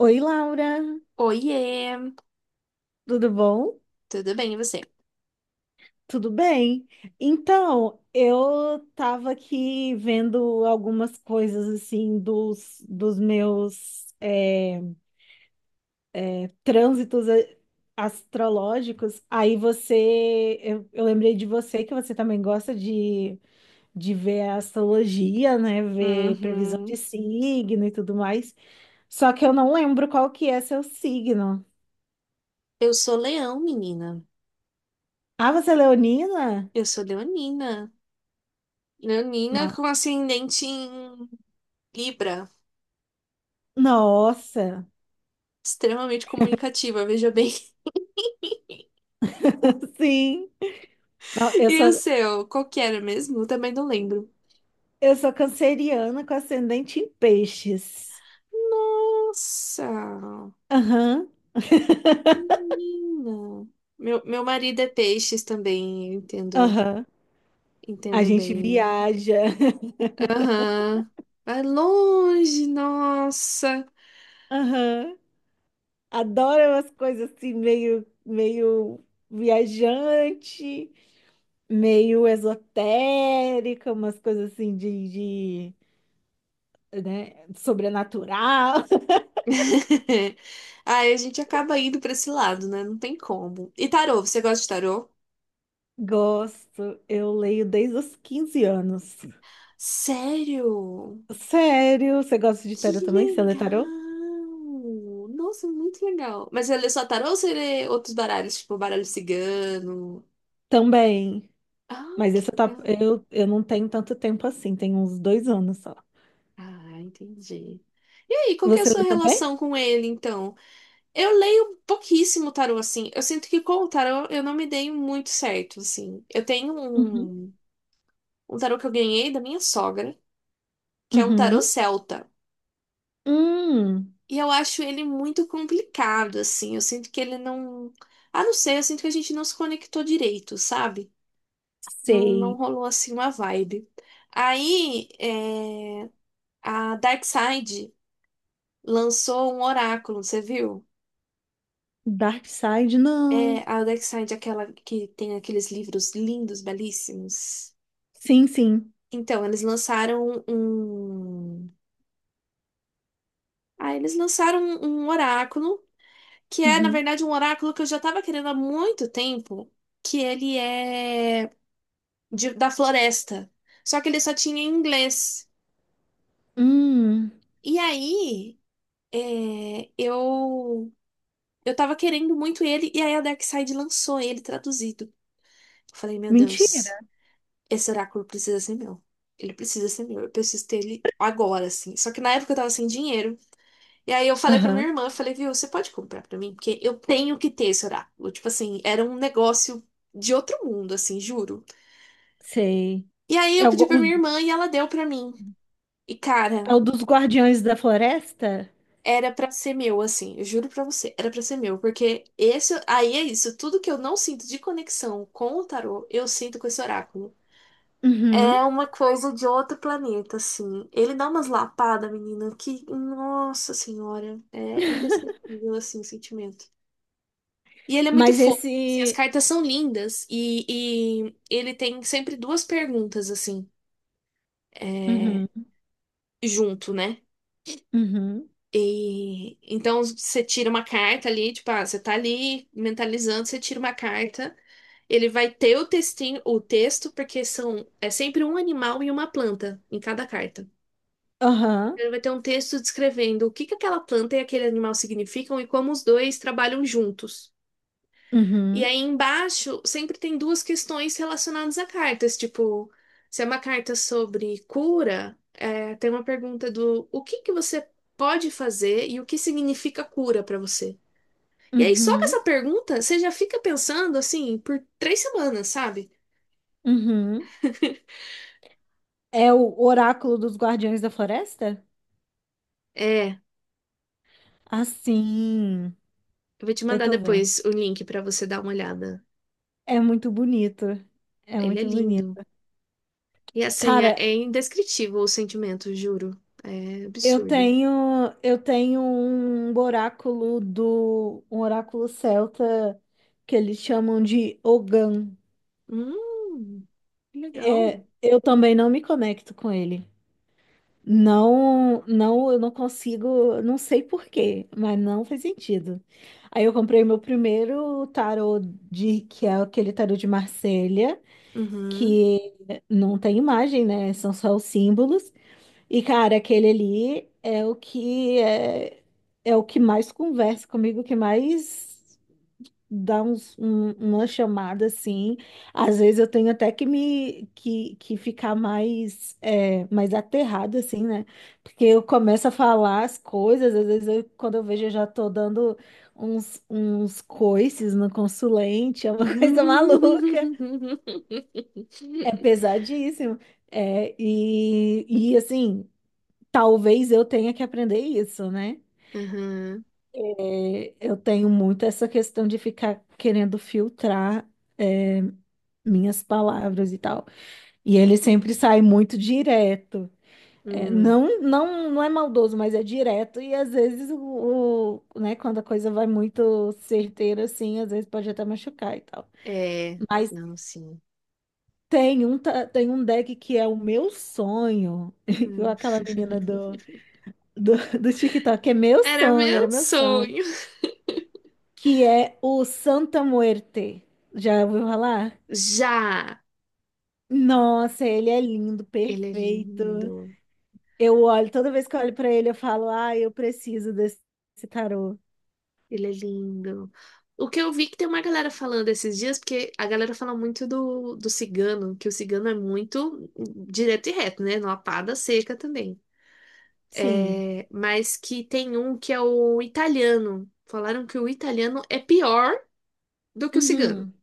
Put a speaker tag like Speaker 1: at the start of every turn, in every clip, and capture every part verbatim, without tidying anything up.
Speaker 1: Oi, Laura,
Speaker 2: Oiê,
Speaker 1: tudo bom?
Speaker 2: tudo bem e você?
Speaker 1: Tudo bem? Então, eu estava aqui vendo algumas coisas assim dos, dos meus é, trânsitos a- astrológicos. Aí você, eu, eu lembrei de você que você também gosta de, de ver a astrologia, né? Ver previsão de
Speaker 2: Uhum.
Speaker 1: signo e tudo mais. Só que eu não lembro qual que é seu signo.
Speaker 2: Eu sou leão, menina.
Speaker 1: Ah, você é leonina?
Speaker 2: Eu sou leonina. Leonina com
Speaker 1: Nossa.
Speaker 2: ascendente em Libra.
Speaker 1: Nossa.
Speaker 2: Extremamente comunicativa, veja bem.
Speaker 1: Sim. Não, eu
Speaker 2: E o
Speaker 1: sou,
Speaker 2: seu? Qual que era mesmo? Eu também não lembro.
Speaker 1: eu sou canceriana com ascendente em peixes.
Speaker 2: Nossa,
Speaker 1: Aham,
Speaker 2: menina. Meu, meu marido é peixes também, eu entendo,
Speaker 1: aham. A
Speaker 2: entendo
Speaker 1: gente
Speaker 2: bem.
Speaker 1: viaja.
Speaker 2: Aham. Vai longe, nossa.
Speaker 1: Aham. Adoro umas coisas assim, meio, meio viajante, meio esotérica, umas coisas assim de, de, né, sobrenatural.
Speaker 2: Aí a gente acaba indo pra esse lado, né? Não tem como. E tarô, você gosta de tarô?
Speaker 1: Gosto, eu leio desde os quinze anos.
Speaker 2: Sério?
Speaker 1: Sério, você gosta de
Speaker 2: Que
Speaker 1: tarot também? Você lê tarot?
Speaker 2: legal! Nossa, muito legal. Mas ele lê só tarô ou você lê outros baralhos, tipo baralho cigano?
Speaker 1: Também.
Speaker 2: Ah,
Speaker 1: Mas
Speaker 2: que
Speaker 1: esse tá,
Speaker 2: legal.
Speaker 1: eu, eu não tenho tanto tempo assim, tem uns dois anos só.
Speaker 2: Ah, entendi. E aí, qual que é a
Speaker 1: Você
Speaker 2: sua
Speaker 1: lê também?
Speaker 2: relação com ele, então? Eu leio pouquíssimo tarô, assim. Eu sinto que com o tarô eu não me dei muito certo, assim. Eu tenho
Speaker 1: Uhum.
Speaker 2: um, um tarô que eu ganhei da minha sogra, que é um tarô
Speaker 1: Uhum.
Speaker 2: celta.
Speaker 1: Hum,
Speaker 2: E eu acho ele muito complicado, assim. Eu sinto que ele não. Ah, não sei, eu sinto que a gente não se conectou direito, sabe? Não, não
Speaker 1: sei.
Speaker 2: rolou assim uma vibe. Aí, é... a Darkside lançou um oráculo, você viu?
Speaker 1: Dark Side,
Speaker 2: É,
Speaker 1: não.
Speaker 2: a Darkside, aquela que tem aqueles livros lindos, belíssimos.
Speaker 1: Sim, sim.
Speaker 2: Então, eles lançaram um. Um, ah, eles lançaram um um oráculo que é, na
Speaker 1: Uhum.
Speaker 2: verdade, um oráculo que eu já estava querendo há muito tempo, que ele é de- da floresta. Só que ele só tinha em inglês.
Speaker 1: Hum,
Speaker 2: E aí, é, eu eu tava querendo muito ele, e aí a Darkseid lançou ele traduzido. Eu falei, meu
Speaker 1: mentira.
Speaker 2: Deus, esse oráculo precisa ser meu. Ele precisa ser meu, eu preciso ter ele agora, assim. Só que na época eu tava sem dinheiro. E aí eu falei pra minha
Speaker 1: Aham,
Speaker 2: irmã, eu falei, viu, você pode comprar pra mim? Porque eu tenho que ter esse oráculo. Tipo assim, era um negócio de outro mundo, assim, juro.
Speaker 1: sei.
Speaker 2: E aí eu
Speaker 1: É o, go-
Speaker 2: pedi pra minha
Speaker 1: o-
Speaker 2: irmã e ela deu pra mim. E cara,
Speaker 1: é o dos Guardiões da Floresta?
Speaker 2: era pra ser meu, assim, eu juro pra você, era pra ser meu, porque esse, aí é isso, tudo que eu não sinto de conexão com o tarô, eu sinto com esse oráculo. É
Speaker 1: Uhum.
Speaker 2: uma coisa de outro planeta, assim. Ele dá umas lapadas, menina, que, nossa senhora, é indescritível, assim, o sentimento. E ele é muito
Speaker 1: Mas
Speaker 2: fofo. Assim, as
Speaker 1: esse.
Speaker 2: cartas são lindas e, e ele tem sempre duas perguntas assim, é,
Speaker 1: Uhum.
Speaker 2: junto, né?
Speaker 1: Uhum.
Speaker 2: E então você tira uma carta ali, tipo, ah, você tá ali mentalizando, você tira uma carta, ele vai ter o textinho, o texto, porque são é sempre um animal e uma planta em cada carta.
Speaker 1: Aham.
Speaker 2: Então, ele vai ter um texto descrevendo o que que aquela planta e aquele animal significam e como os dois trabalham juntos. E
Speaker 1: Uhum.
Speaker 2: aí embaixo sempre tem duas questões relacionadas a cartas, tipo, se é uma carta sobre cura, é, tem uma pergunta do o que que você pode fazer e o que significa cura pra você. E aí só com
Speaker 1: Uhum.
Speaker 2: essa pergunta você já fica pensando assim por três semanas, sabe?
Speaker 1: Uhum. É o Oráculo dos Guardiões da Floresta?
Speaker 2: É, eu
Speaker 1: Ah, sim.
Speaker 2: vou te
Speaker 1: Eu
Speaker 2: mandar
Speaker 1: tô vendo.
Speaker 2: depois o link pra você dar uma olhada.
Speaker 1: É muito bonito. É
Speaker 2: Ele é
Speaker 1: muito
Speaker 2: lindo.
Speaker 1: bonito.
Speaker 2: E assim, é,
Speaker 1: Cara,
Speaker 2: é indescritível o sentimento, juro. É
Speaker 1: eu
Speaker 2: absurdo.
Speaker 1: tenho eu tenho um oráculo do um oráculo celta que eles chamam de Ogan.
Speaker 2: Hum, que legal.
Speaker 1: Eu também não me conecto com ele. Não, não, eu não consigo, não sei por quê, mas não faz sentido. Aí eu comprei meu primeiro tarô de que é aquele tarô de Marselha,
Speaker 2: Uhum.
Speaker 1: que não tem imagem, né? São só os símbolos. E, cara, aquele ali é o que é, é o que mais conversa comigo, que mais dá uns, um- uma chamada assim. Às vezes eu tenho até que me que, que ficar mais é, mais aterrada assim, né? Porque eu começo a falar as coisas, às vezes eu- quando eu vejo eu já tô dando uns, uns coices no consulente, é uma coisa
Speaker 2: Aham.
Speaker 1: maluca. É pesadíssimo. É. e, e assim. Talvez eu tenha que aprender isso, né? É, eu tenho muito essa questão de ficar querendo filtrar minhas palavras e tal. E ele sempre sai muito direto. É,
Speaker 2: Hum.
Speaker 1: não, não, não é maldoso, mas é direto. E às vezes, o, o- né, quando a coisa vai muito certeira, assim, às vezes pode até machucar e tal.
Speaker 2: É.
Speaker 1: Mas
Speaker 2: Não, sim.
Speaker 1: tem um, ta- tem um deck que é o meu sonho. Igual
Speaker 2: Hum.
Speaker 1: aquela menina do, do, do TikTok, é meu
Speaker 2: Era
Speaker 1: sonho, era
Speaker 2: meu
Speaker 1: meu sonho.
Speaker 2: sonho.
Speaker 1: Que é o Santa Muerte. Já ouviu falar?
Speaker 2: Já.
Speaker 1: Nossa, ele é lindo,
Speaker 2: Ele é
Speaker 1: perfeito.
Speaker 2: lindo.
Speaker 1: Eu olho, toda vez que eu olho pra ele, eu falo, ah, eu preciso desse desse tarô.
Speaker 2: Ele é lindo. O que eu vi que tem uma galera falando esses dias, porque a galera fala muito do, do cigano, que o cigano é muito direto e reto, né? Numa pá seca também.
Speaker 1: Sim.
Speaker 2: É, mas que tem um que é o italiano. Falaram que o italiano é pior do que o cigano,
Speaker 1: Uhum,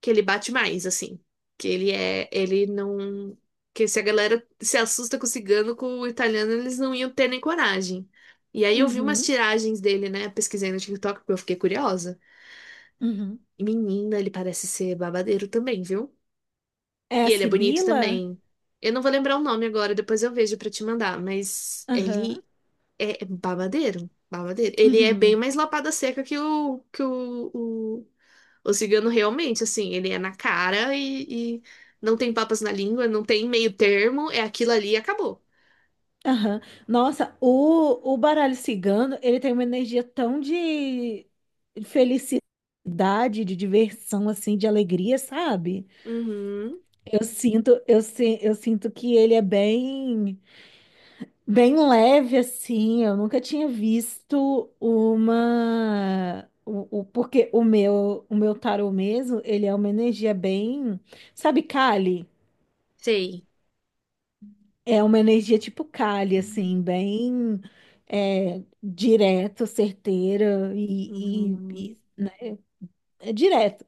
Speaker 2: que ele bate mais, assim. Que ele é. Ele não. Que se a galera se assusta com o cigano, com o italiano, eles não iam ter nem coragem. E aí eu vi umas
Speaker 1: uhum,
Speaker 2: tiragens dele, né? Pesquisei no TikTok, porque eu fiquei curiosa.
Speaker 1: uhum.
Speaker 2: E, menina, ele parece ser babadeiro também, viu?
Speaker 1: É
Speaker 2: E
Speaker 1: a
Speaker 2: ele é bonito
Speaker 1: Sibila?
Speaker 2: também. Eu não vou lembrar o nome agora, depois eu vejo pra te mandar, mas
Speaker 1: Aham,
Speaker 2: ele é é babadeiro, babadeiro. Ele é bem
Speaker 1: uhum,
Speaker 2: mais lapada seca que o que o, o, o cigano realmente, assim, ele é na cara e, e não tem papas na língua, não tem meio termo, é aquilo ali e acabou.
Speaker 1: aham. Nossa, o, o baralho cigano, ele tem uma energia tão de felicidade, de diversão, assim, de alegria, sabe?
Speaker 2: Uhum,
Speaker 1: Eu sinto, eu, si- eu sinto que ele é bem, bem leve assim. Eu nunca tinha visto uma o, o- porque o meu, o meu tarô mesmo, ele é uma energia bem, sabe, Kali?
Speaker 2: sei.
Speaker 1: É uma energia tipo Kali assim, bem é, direta, certeira e, e,
Speaker 2: Uhum.
Speaker 1: e- é direta.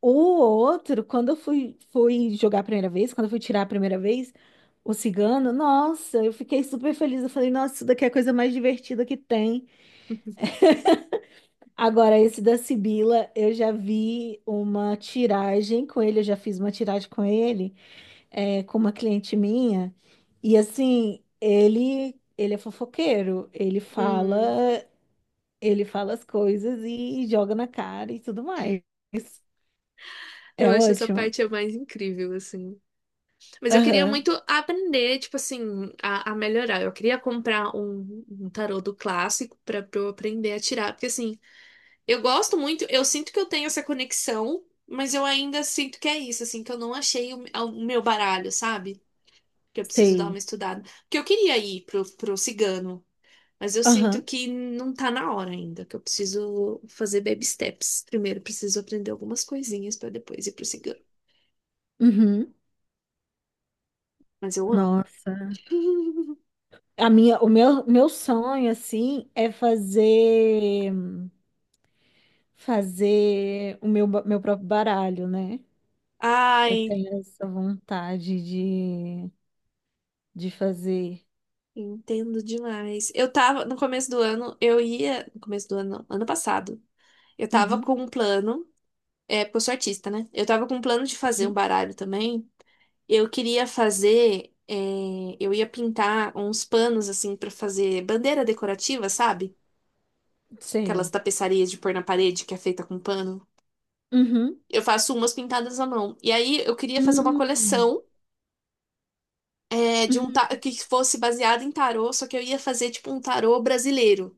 Speaker 1: O outro, quando eu fui, fui jogar a primeira vez, quando eu fui tirar a primeira vez, o cigano, nossa, eu fiquei super feliz. Eu falei, nossa, isso daqui é a coisa mais divertida que tem. Agora, esse da Sibila, eu já vi uma tiragem com ele, eu já fiz uma tiragem com ele, é, com uma cliente minha. E assim, ele, ele é fofoqueiro, ele fala,
Speaker 2: Hum,
Speaker 1: ele fala as coisas e joga na cara e tudo mais.
Speaker 2: eu
Speaker 1: É
Speaker 2: acho essa
Speaker 1: ótimo.
Speaker 2: parte a mais incrível, assim. Mas eu queria
Speaker 1: Aham,
Speaker 2: muito aprender, tipo assim, a, a melhorar. Eu queria comprar um, um tarô do clássico pra pra eu aprender a tirar, porque assim, eu gosto muito, eu sinto que eu tenho essa conexão, mas eu ainda sinto que é isso, assim, que eu não achei o, o meu baralho, sabe? Que eu preciso dar uma
Speaker 1: sei.
Speaker 2: estudada. Porque eu queria ir pro, pro cigano, mas eu sinto
Speaker 1: Aham.
Speaker 2: que não tá na hora ainda, que eu preciso fazer baby steps. Primeiro, preciso aprender algumas coisinhas pra depois ir pro cigano.
Speaker 1: Uhum.
Speaker 2: Mas eu amo.
Speaker 1: Nossa. A minha, o meu, meu sonho, assim, é fazer fazer o meu, ba- meu próprio baralho, né? Eu
Speaker 2: Ai,
Speaker 1: tenho essa vontade de, de fazer.
Speaker 2: entendo demais. Eu tava, no começo do ano, eu ia. No começo do ano, não, ano passado. Eu tava com
Speaker 1: Uhum.
Speaker 2: um plano. É, porque eu sou artista, né? Eu tava com um plano de fazer um
Speaker 1: Uhum.
Speaker 2: baralho também. Eu queria fazer. é, eu ia pintar uns panos, assim, pra fazer bandeira decorativa, sabe? Aquelas
Speaker 1: Sei.
Speaker 2: tapeçarias de pôr na parede que é feita com pano.
Speaker 1: Uhum.
Speaker 2: Eu faço umas pintadas à mão. E aí eu queria fazer uma
Speaker 1: Uhum.
Speaker 2: coleção, é, de um ta-
Speaker 1: Uhum.
Speaker 2: que fosse baseada em tarô, só que eu ia fazer tipo um tarô brasileiro.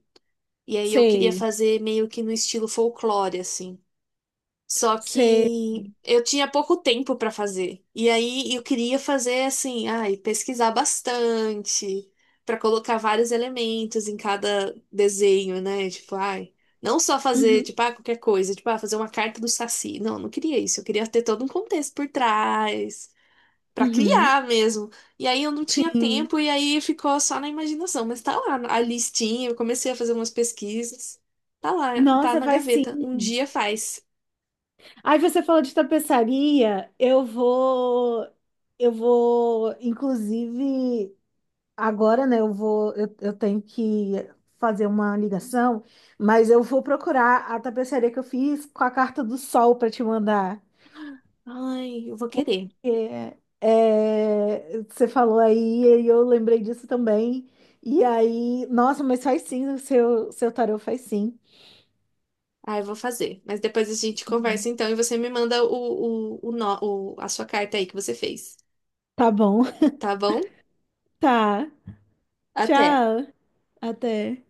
Speaker 2: E aí eu queria
Speaker 1: Sei.
Speaker 2: fazer meio que no estilo folclore, assim. Só
Speaker 1: Sei.
Speaker 2: que eu tinha pouco tempo para fazer. E aí eu queria fazer assim, ai, pesquisar bastante, para colocar vários elementos em cada desenho, né? Tipo, ai, não só fazer,
Speaker 1: Uhum.
Speaker 2: tipo, ah, qualquer coisa, tipo, ah, fazer uma carta do Saci. Não, eu não queria isso. Eu queria ter todo um contexto por trás, para
Speaker 1: Uhum.
Speaker 2: criar mesmo. E aí eu não tinha
Speaker 1: Sim.
Speaker 2: tempo e aí ficou só na imaginação, mas tá lá a listinha, eu comecei a fazer umas pesquisas. Tá lá, tá
Speaker 1: Nossa,
Speaker 2: na
Speaker 1: vai sim.
Speaker 2: gaveta. Um dia faz.
Speaker 1: Aí você falou de tapeçaria, eu vou, eu vou, inclusive. Agora, né, eu vou, eu, eu tenho que fazer uma ligação, mas eu vou procurar a tapeçaria que eu fiz com a carta do sol para te mandar.
Speaker 2: Ai, eu vou querer.
Speaker 1: É, é, você falou aí e eu lembrei disso também. E aí, nossa, mas faz sim, o seu, seu tarô faz sim.
Speaker 2: Ah, eu vou fazer. Mas depois a gente conversa então e você me manda o, o, o, nó- o- a sua carta aí que você fez.
Speaker 1: Tá bom,
Speaker 2: Tá bom?
Speaker 1: tá.
Speaker 2: Até.
Speaker 1: Tchau, até.